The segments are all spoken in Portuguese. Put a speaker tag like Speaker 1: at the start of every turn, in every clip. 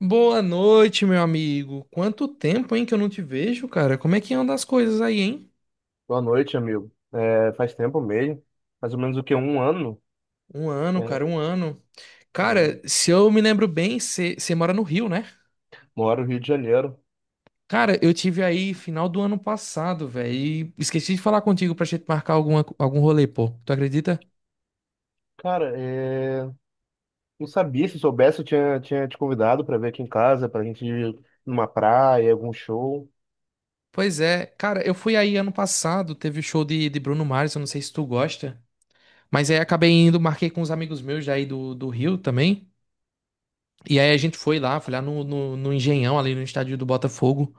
Speaker 1: Boa noite, meu amigo. Quanto tempo, hein, que eu não te vejo, cara? Como é que andam as coisas aí, hein?
Speaker 2: Boa noite, amigo. É, faz tempo mesmo, mais ou menos o que, um ano. É,
Speaker 1: Um ano.
Speaker 2: é,
Speaker 1: Cara, se eu me lembro bem, você mora no Rio, né?
Speaker 2: moro no Rio de Janeiro.
Speaker 1: Cara, eu tive aí final do ano passado, velho, e esqueci de falar contigo pra gente marcar alguma, algum rolê, pô. Tu acredita?
Speaker 2: Cara, é, não sabia, se soubesse, eu tinha te convidado para vir aqui em casa, para a gente ir numa praia, algum show.
Speaker 1: Pois é, cara, eu fui aí ano passado, teve o show de Bruno Mars, eu não sei se tu gosta, mas aí acabei indo, marquei com uns amigos meus daí do Rio também. E aí a gente foi lá no Engenhão, ali no estádio do Botafogo.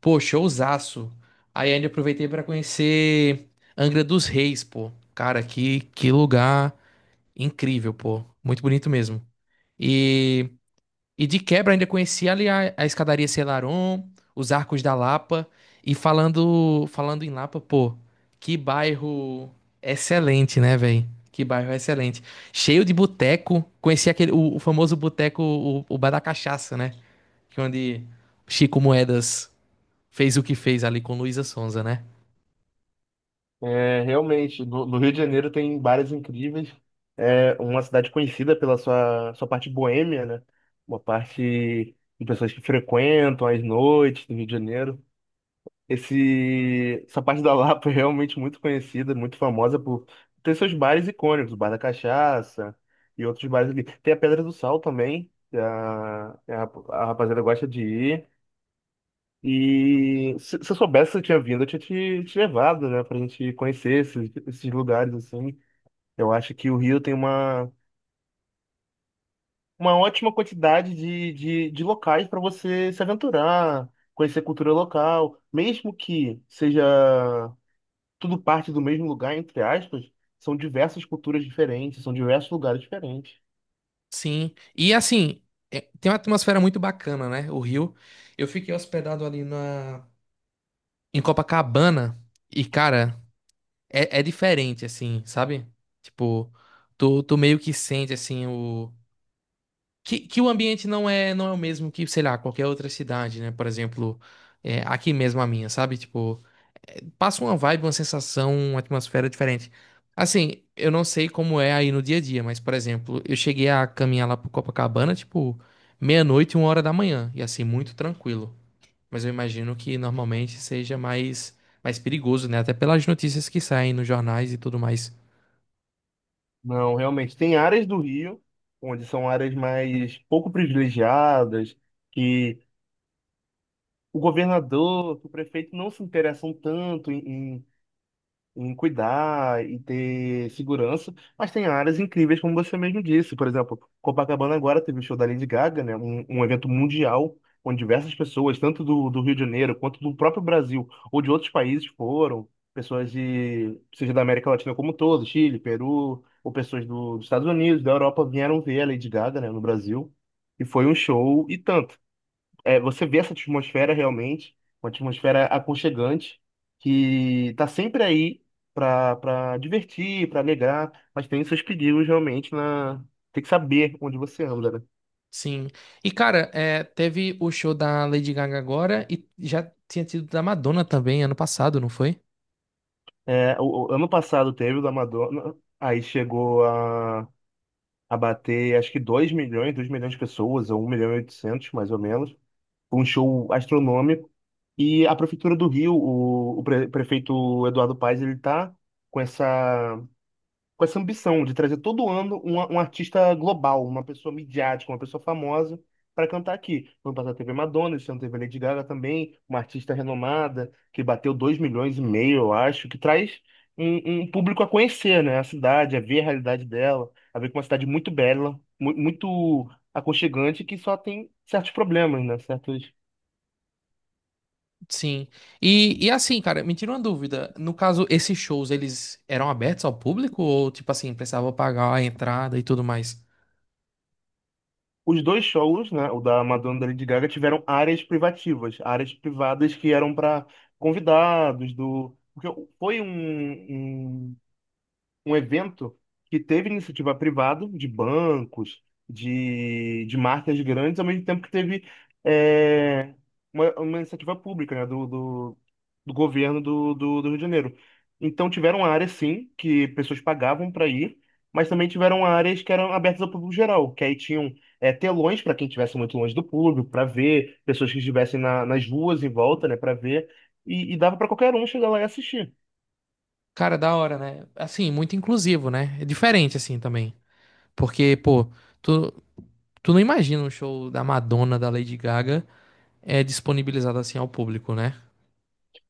Speaker 1: Pô, showzaço. Aí ainda aproveitei pra conhecer Angra dos Reis, pô. Cara, que lugar incrível, pô. Muito bonito mesmo. E, e de quebra ainda conheci ali a escadaria Selarón, os Arcos da Lapa. E falando em Lapa, pô, que bairro excelente, né, velho? Que bairro excelente. Cheio de boteco. Conheci aquele, o famoso boteco, o Bar da Cachaça, né? Que é onde Chico Moedas fez o que fez ali com Luísa Sonza, né?
Speaker 2: É, realmente, no Rio de Janeiro tem bares incríveis. É uma cidade conhecida pela sua parte boêmia, né? Uma parte de pessoas que frequentam as noites do Rio de Janeiro. Essa parte da Lapa é realmente muito conhecida, muito famosa por ter seus bares icônicos, o Bar da Cachaça e outros bares ali. Tem a Pedra do Sal também, que a rapaziada gosta de ir. E se eu soubesse que eu tinha vindo, eu tinha te levado, né, pra gente conhecer esses lugares, assim. Eu acho que o Rio tem uma ótima quantidade de locais para você se aventurar, conhecer cultura local, mesmo que seja, tudo parte do mesmo lugar, entre aspas, são diversas culturas diferentes, são diversos lugares diferentes.
Speaker 1: Sim. E assim, tem uma atmosfera muito bacana, né? O Rio. Eu fiquei hospedado ali na em Copacabana e, cara, é diferente, assim, sabe? Tipo, tu meio que sente, assim, que o ambiente não é o mesmo que, sei lá, qualquer outra cidade, né? Por exemplo, aqui mesmo a minha, sabe? Tipo, passa uma vibe, uma sensação, uma atmosfera diferente. Assim, eu não sei como é aí no dia a dia, mas, por exemplo, eu cheguei a caminhar lá pro Copacabana, tipo, meia-noite e uma hora da manhã, e assim, muito tranquilo. Mas eu imagino que normalmente seja mais, mais perigoso, né? Até pelas notícias que saem nos jornais e tudo mais.
Speaker 2: Não, realmente, tem áreas do Rio, onde são áreas mais pouco privilegiadas, que o governador, o prefeito não se interessam tanto em cuidar e ter segurança, mas tem áreas incríveis, como você mesmo disse. Por exemplo, Copacabana agora teve o show da Lady Gaga, né? Um evento mundial, onde diversas pessoas, tanto do Rio de Janeiro quanto do próprio Brasil ou de outros países, foram. Pessoas de, seja da América Latina como um todo, Chile, Peru, ou pessoas dos Estados Unidos, da Europa, vieram ver a Lady Gaga, né, no Brasil. E foi um show e tanto. É, você vê essa atmosfera realmente, uma atmosfera aconchegante, que tá sempre aí para divertir, para alegrar, mas tem seus perigos realmente. Na. Tem que saber onde você anda, né?
Speaker 1: Sim. E, cara, teve o show da Lady Gaga agora e já tinha tido da Madonna também ano passado, não foi?
Speaker 2: É, o ano passado teve o da Madonna, aí chegou a bater acho que 2 milhões, 2 milhões de pessoas, ou 1 milhão e 800 mais ou menos. Foi um show astronômico. E a Prefeitura do Rio, o prefeito Eduardo Paes, ele tá com essa com essa ambição de trazer todo ano um artista global, uma pessoa midiática, uma pessoa famosa para cantar aqui. No ano passado teve a Madonna, esse ano teve a Lady Gaga também, uma artista renomada que bateu 2,5 milhões, eu acho, que traz um público a conhecer, né, a cidade, a ver a realidade dela, a ver que é uma cidade muito bela, muito aconchegante, que só tem certos problemas, né, certos.
Speaker 1: Sim. E assim, cara, me tira uma dúvida. No caso, esses shows, eles eram abertos ao público ou, tipo assim, precisava pagar a entrada e tudo mais?
Speaker 2: Os dois shows, né, o da Madonna e da Lady Gaga, tiveram áreas privativas, áreas privadas que eram para convidados do, porque foi um evento que teve iniciativa privada de bancos, de marcas grandes, ao mesmo tempo que teve eh, uma iniciativa pública, né, do governo do Rio de Janeiro. Então tiveram áreas, sim, que pessoas pagavam para ir, mas também tiveram áreas que eram abertas ao público geral, que aí tinham telões para quem estivesse muito longe do público, para ver, pessoas que estivessem nas ruas em volta, né, para ver, e dava para qualquer um chegar lá e assistir.
Speaker 1: Cara, da hora, né? Assim, muito inclusivo, né? É diferente, assim, também. Porque, pô, tu, tu não imagina um show da Madonna, da Lady Gaga, disponibilizado assim ao público, né?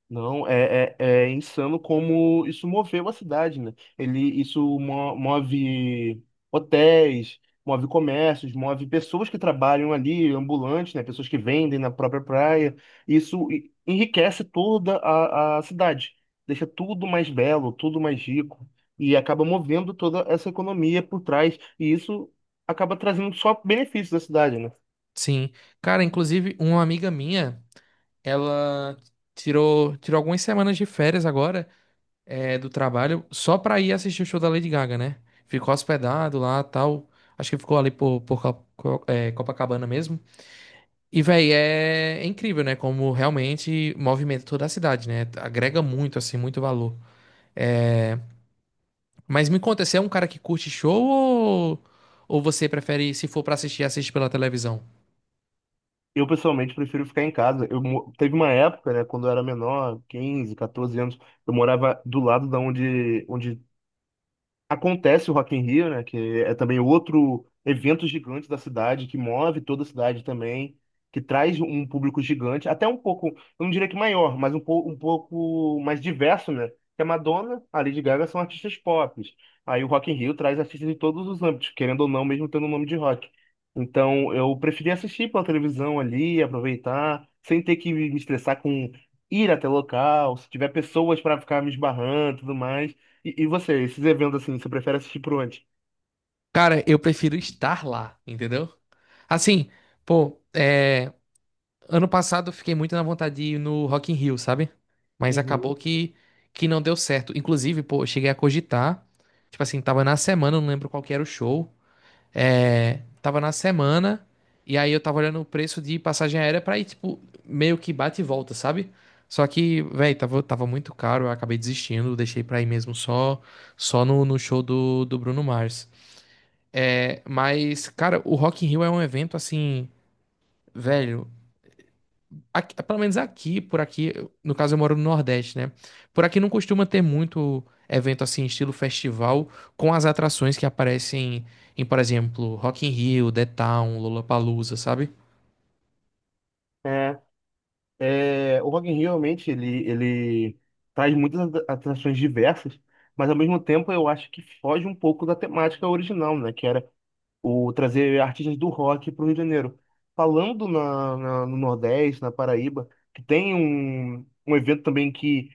Speaker 2: Não, é insano como isso moveu a cidade, né? Ele, isso move hotéis, move comércios, move pessoas que trabalham ali, ambulantes, né? Pessoas que vendem na própria praia. Isso enriquece toda a cidade, deixa tudo mais belo, tudo mais rico e acaba movendo toda essa economia por trás. E isso acaba trazendo só benefícios à cidade, né?
Speaker 1: Sim. Cara, inclusive, uma amiga minha, ela tirou algumas semanas de férias agora. Do trabalho só pra ir assistir o show da Lady Gaga, né? Ficou hospedado lá, tal. Acho que ficou ali por Copacabana mesmo. E, véi, é incrível, né? Como realmente movimenta toda a cidade, né? Agrega muito, assim, muito valor. É, mas me conta, você é um cara que curte show ou você prefere, se for pra assistir, assiste pela televisão?
Speaker 2: Eu pessoalmente prefiro ficar em casa. Teve uma época, né, quando eu era menor, 15, 14 anos, eu morava do lado onde acontece o Rock in Rio, né? Que é também outro evento gigante da cidade, que move toda a cidade também, que traz um público gigante, até um pouco, eu não diria que maior, mas um pouco mais diverso, né? Que a Madonna, a Lady Gaga são artistas pop. Aí o Rock in Rio traz artistas de todos os âmbitos, querendo ou não, mesmo tendo o nome de rock. Então eu preferi assistir pela televisão ali, aproveitar, sem ter que me estressar com ir até local, se tiver pessoas para ficar me esbarrando e tudo mais. E você, esses eventos assim, você prefere assistir por onde?
Speaker 1: Cara, eu prefiro estar lá, entendeu? Assim, pô, é. Ano passado eu fiquei muito na vontade de ir no Rock in Rio, sabe? Mas acabou
Speaker 2: Uhum.
Speaker 1: que não deu certo. Inclusive, pô, eu cheguei a cogitar. Tipo assim, tava na semana, não lembro qual que era o show. É, tava na semana, e aí eu tava olhando o preço de passagem aérea pra ir, tipo, meio que bate e volta, sabe? Só que, véi, tava muito caro, eu acabei desistindo, deixei pra ir mesmo só no show do Bruno Mars. É, mas, cara, o Rock in Rio é um evento assim, velho, por aqui, no caso eu moro no Nordeste, né? Por aqui não costuma ter muito evento assim, estilo festival, com as atrações que aparecem em, por exemplo, Rock in Rio, The Town, Lollapalooza, sabe?
Speaker 2: É, é, o Rock in Rio realmente ele traz muitas atrações diversas, mas ao mesmo tempo eu acho que foge um pouco da temática original, né? Que era o trazer artistas do rock para o Rio de Janeiro. Falando no Nordeste, na Paraíba, que tem um evento também que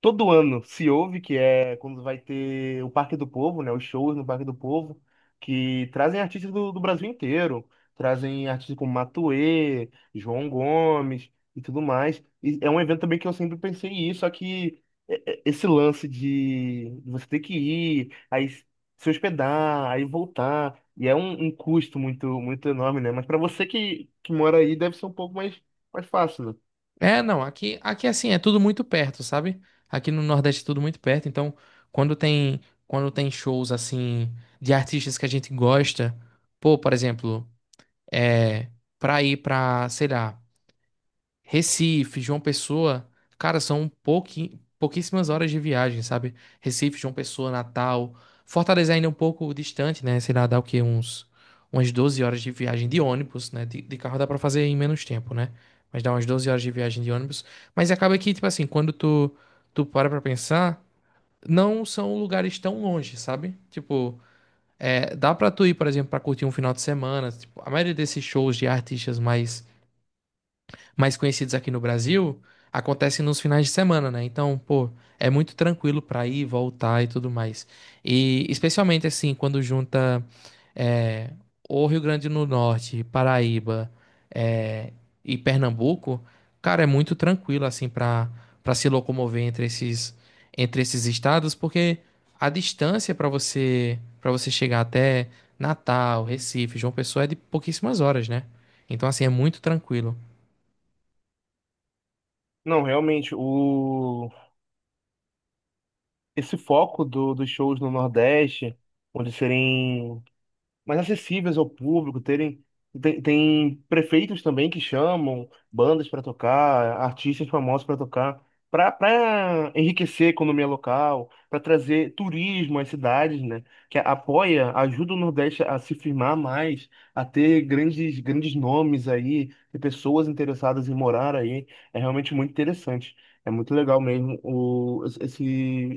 Speaker 2: todo ano se ouve que é quando vai ter o Parque do Povo, né? Os shows no Parque do Povo, que trazem artistas do Brasil inteiro. Trazem artistas como Matuê, João Gomes e tudo mais. E é um evento também que eu sempre pensei em ir, só que esse lance de você ter que ir, aí se hospedar, aí voltar, e é um custo muito, muito enorme, né? Mas para você que mora aí, deve ser um pouco mais fácil, né?
Speaker 1: É, não, aqui assim, é tudo muito perto, sabe? Aqui no Nordeste é tudo muito perto, então quando tem, quando tem shows assim de artistas que a gente gosta, pô, por exemplo, é, pra ir pra, sei lá, Recife, João Pessoa, cara, são pouquíssimas horas de viagem, sabe? Recife, João Pessoa, Natal. Fortaleza ainda é um pouco distante, né? Sei lá, dá o quê? Uns, umas 12 horas de viagem de ônibus, né? De carro dá pra fazer em menos tempo, né? Mas dá umas 12 horas de viagem de ônibus. Mas acaba que, tipo assim, tu para pra pensar, não são lugares tão longe, sabe? Tipo, dá pra tu ir, por exemplo, pra curtir um final de semana. Tipo, a maioria desses shows de artistas mais conhecidos aqui no Brasil, acontecem nos finais de semana, né? Então, pô, é muito tranquilo pra ir, voltar e tudo mais. E especialmente assim, quando junta é, o Rio Grande do Norte, Paraíba é, e Pernambuco, cara, é muito tranquilo assim pra para se locomover entre esses estados, porque a distância pra você para você chegar até Natal, Recife, João Pessoa é de pouquíssimas horas, né? Então, assim, é muito tranquilo.
Speaker 2: Não, realmente, o. esse foco dos shows no Nordeste, onde serem mais acessíveis ao público, tem prefeitos também que chamam bandas para tocar, artistas famosos para tocar, para enriquecer a economia local, para trazer turismo às cidades, né? Que apoia, ajuda o Nordeste a se firmar mais, a ter grandes nomes aí, e pessoas interessadas em morar aí, é realmente muito interessante. É muito legal mesmo o, esse,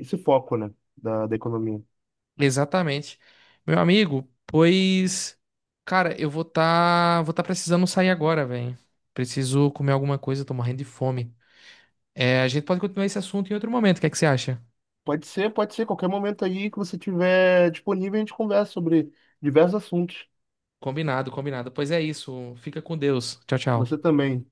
Speaker 2: esse foco, né, da economia.
Speaker 1: Exatamente. Meu amigo, pois. Cara, eu vou tá precisando sair agora, velho. Preciso comer alguma coisa, tô morrendo de fome. É, a gente pode continuar esse assunto em outro momento, o que é que você acha?
Speaker 2: Pode ser, pode ser. Qualquer momento aí que você tiver disponível, a gente conversa sobre diversos assuntos.
Speaker 1: Combinado, combinado. Pois é isso. Fica com Deus. Tchau, tchau.
Speaker 2: Você também.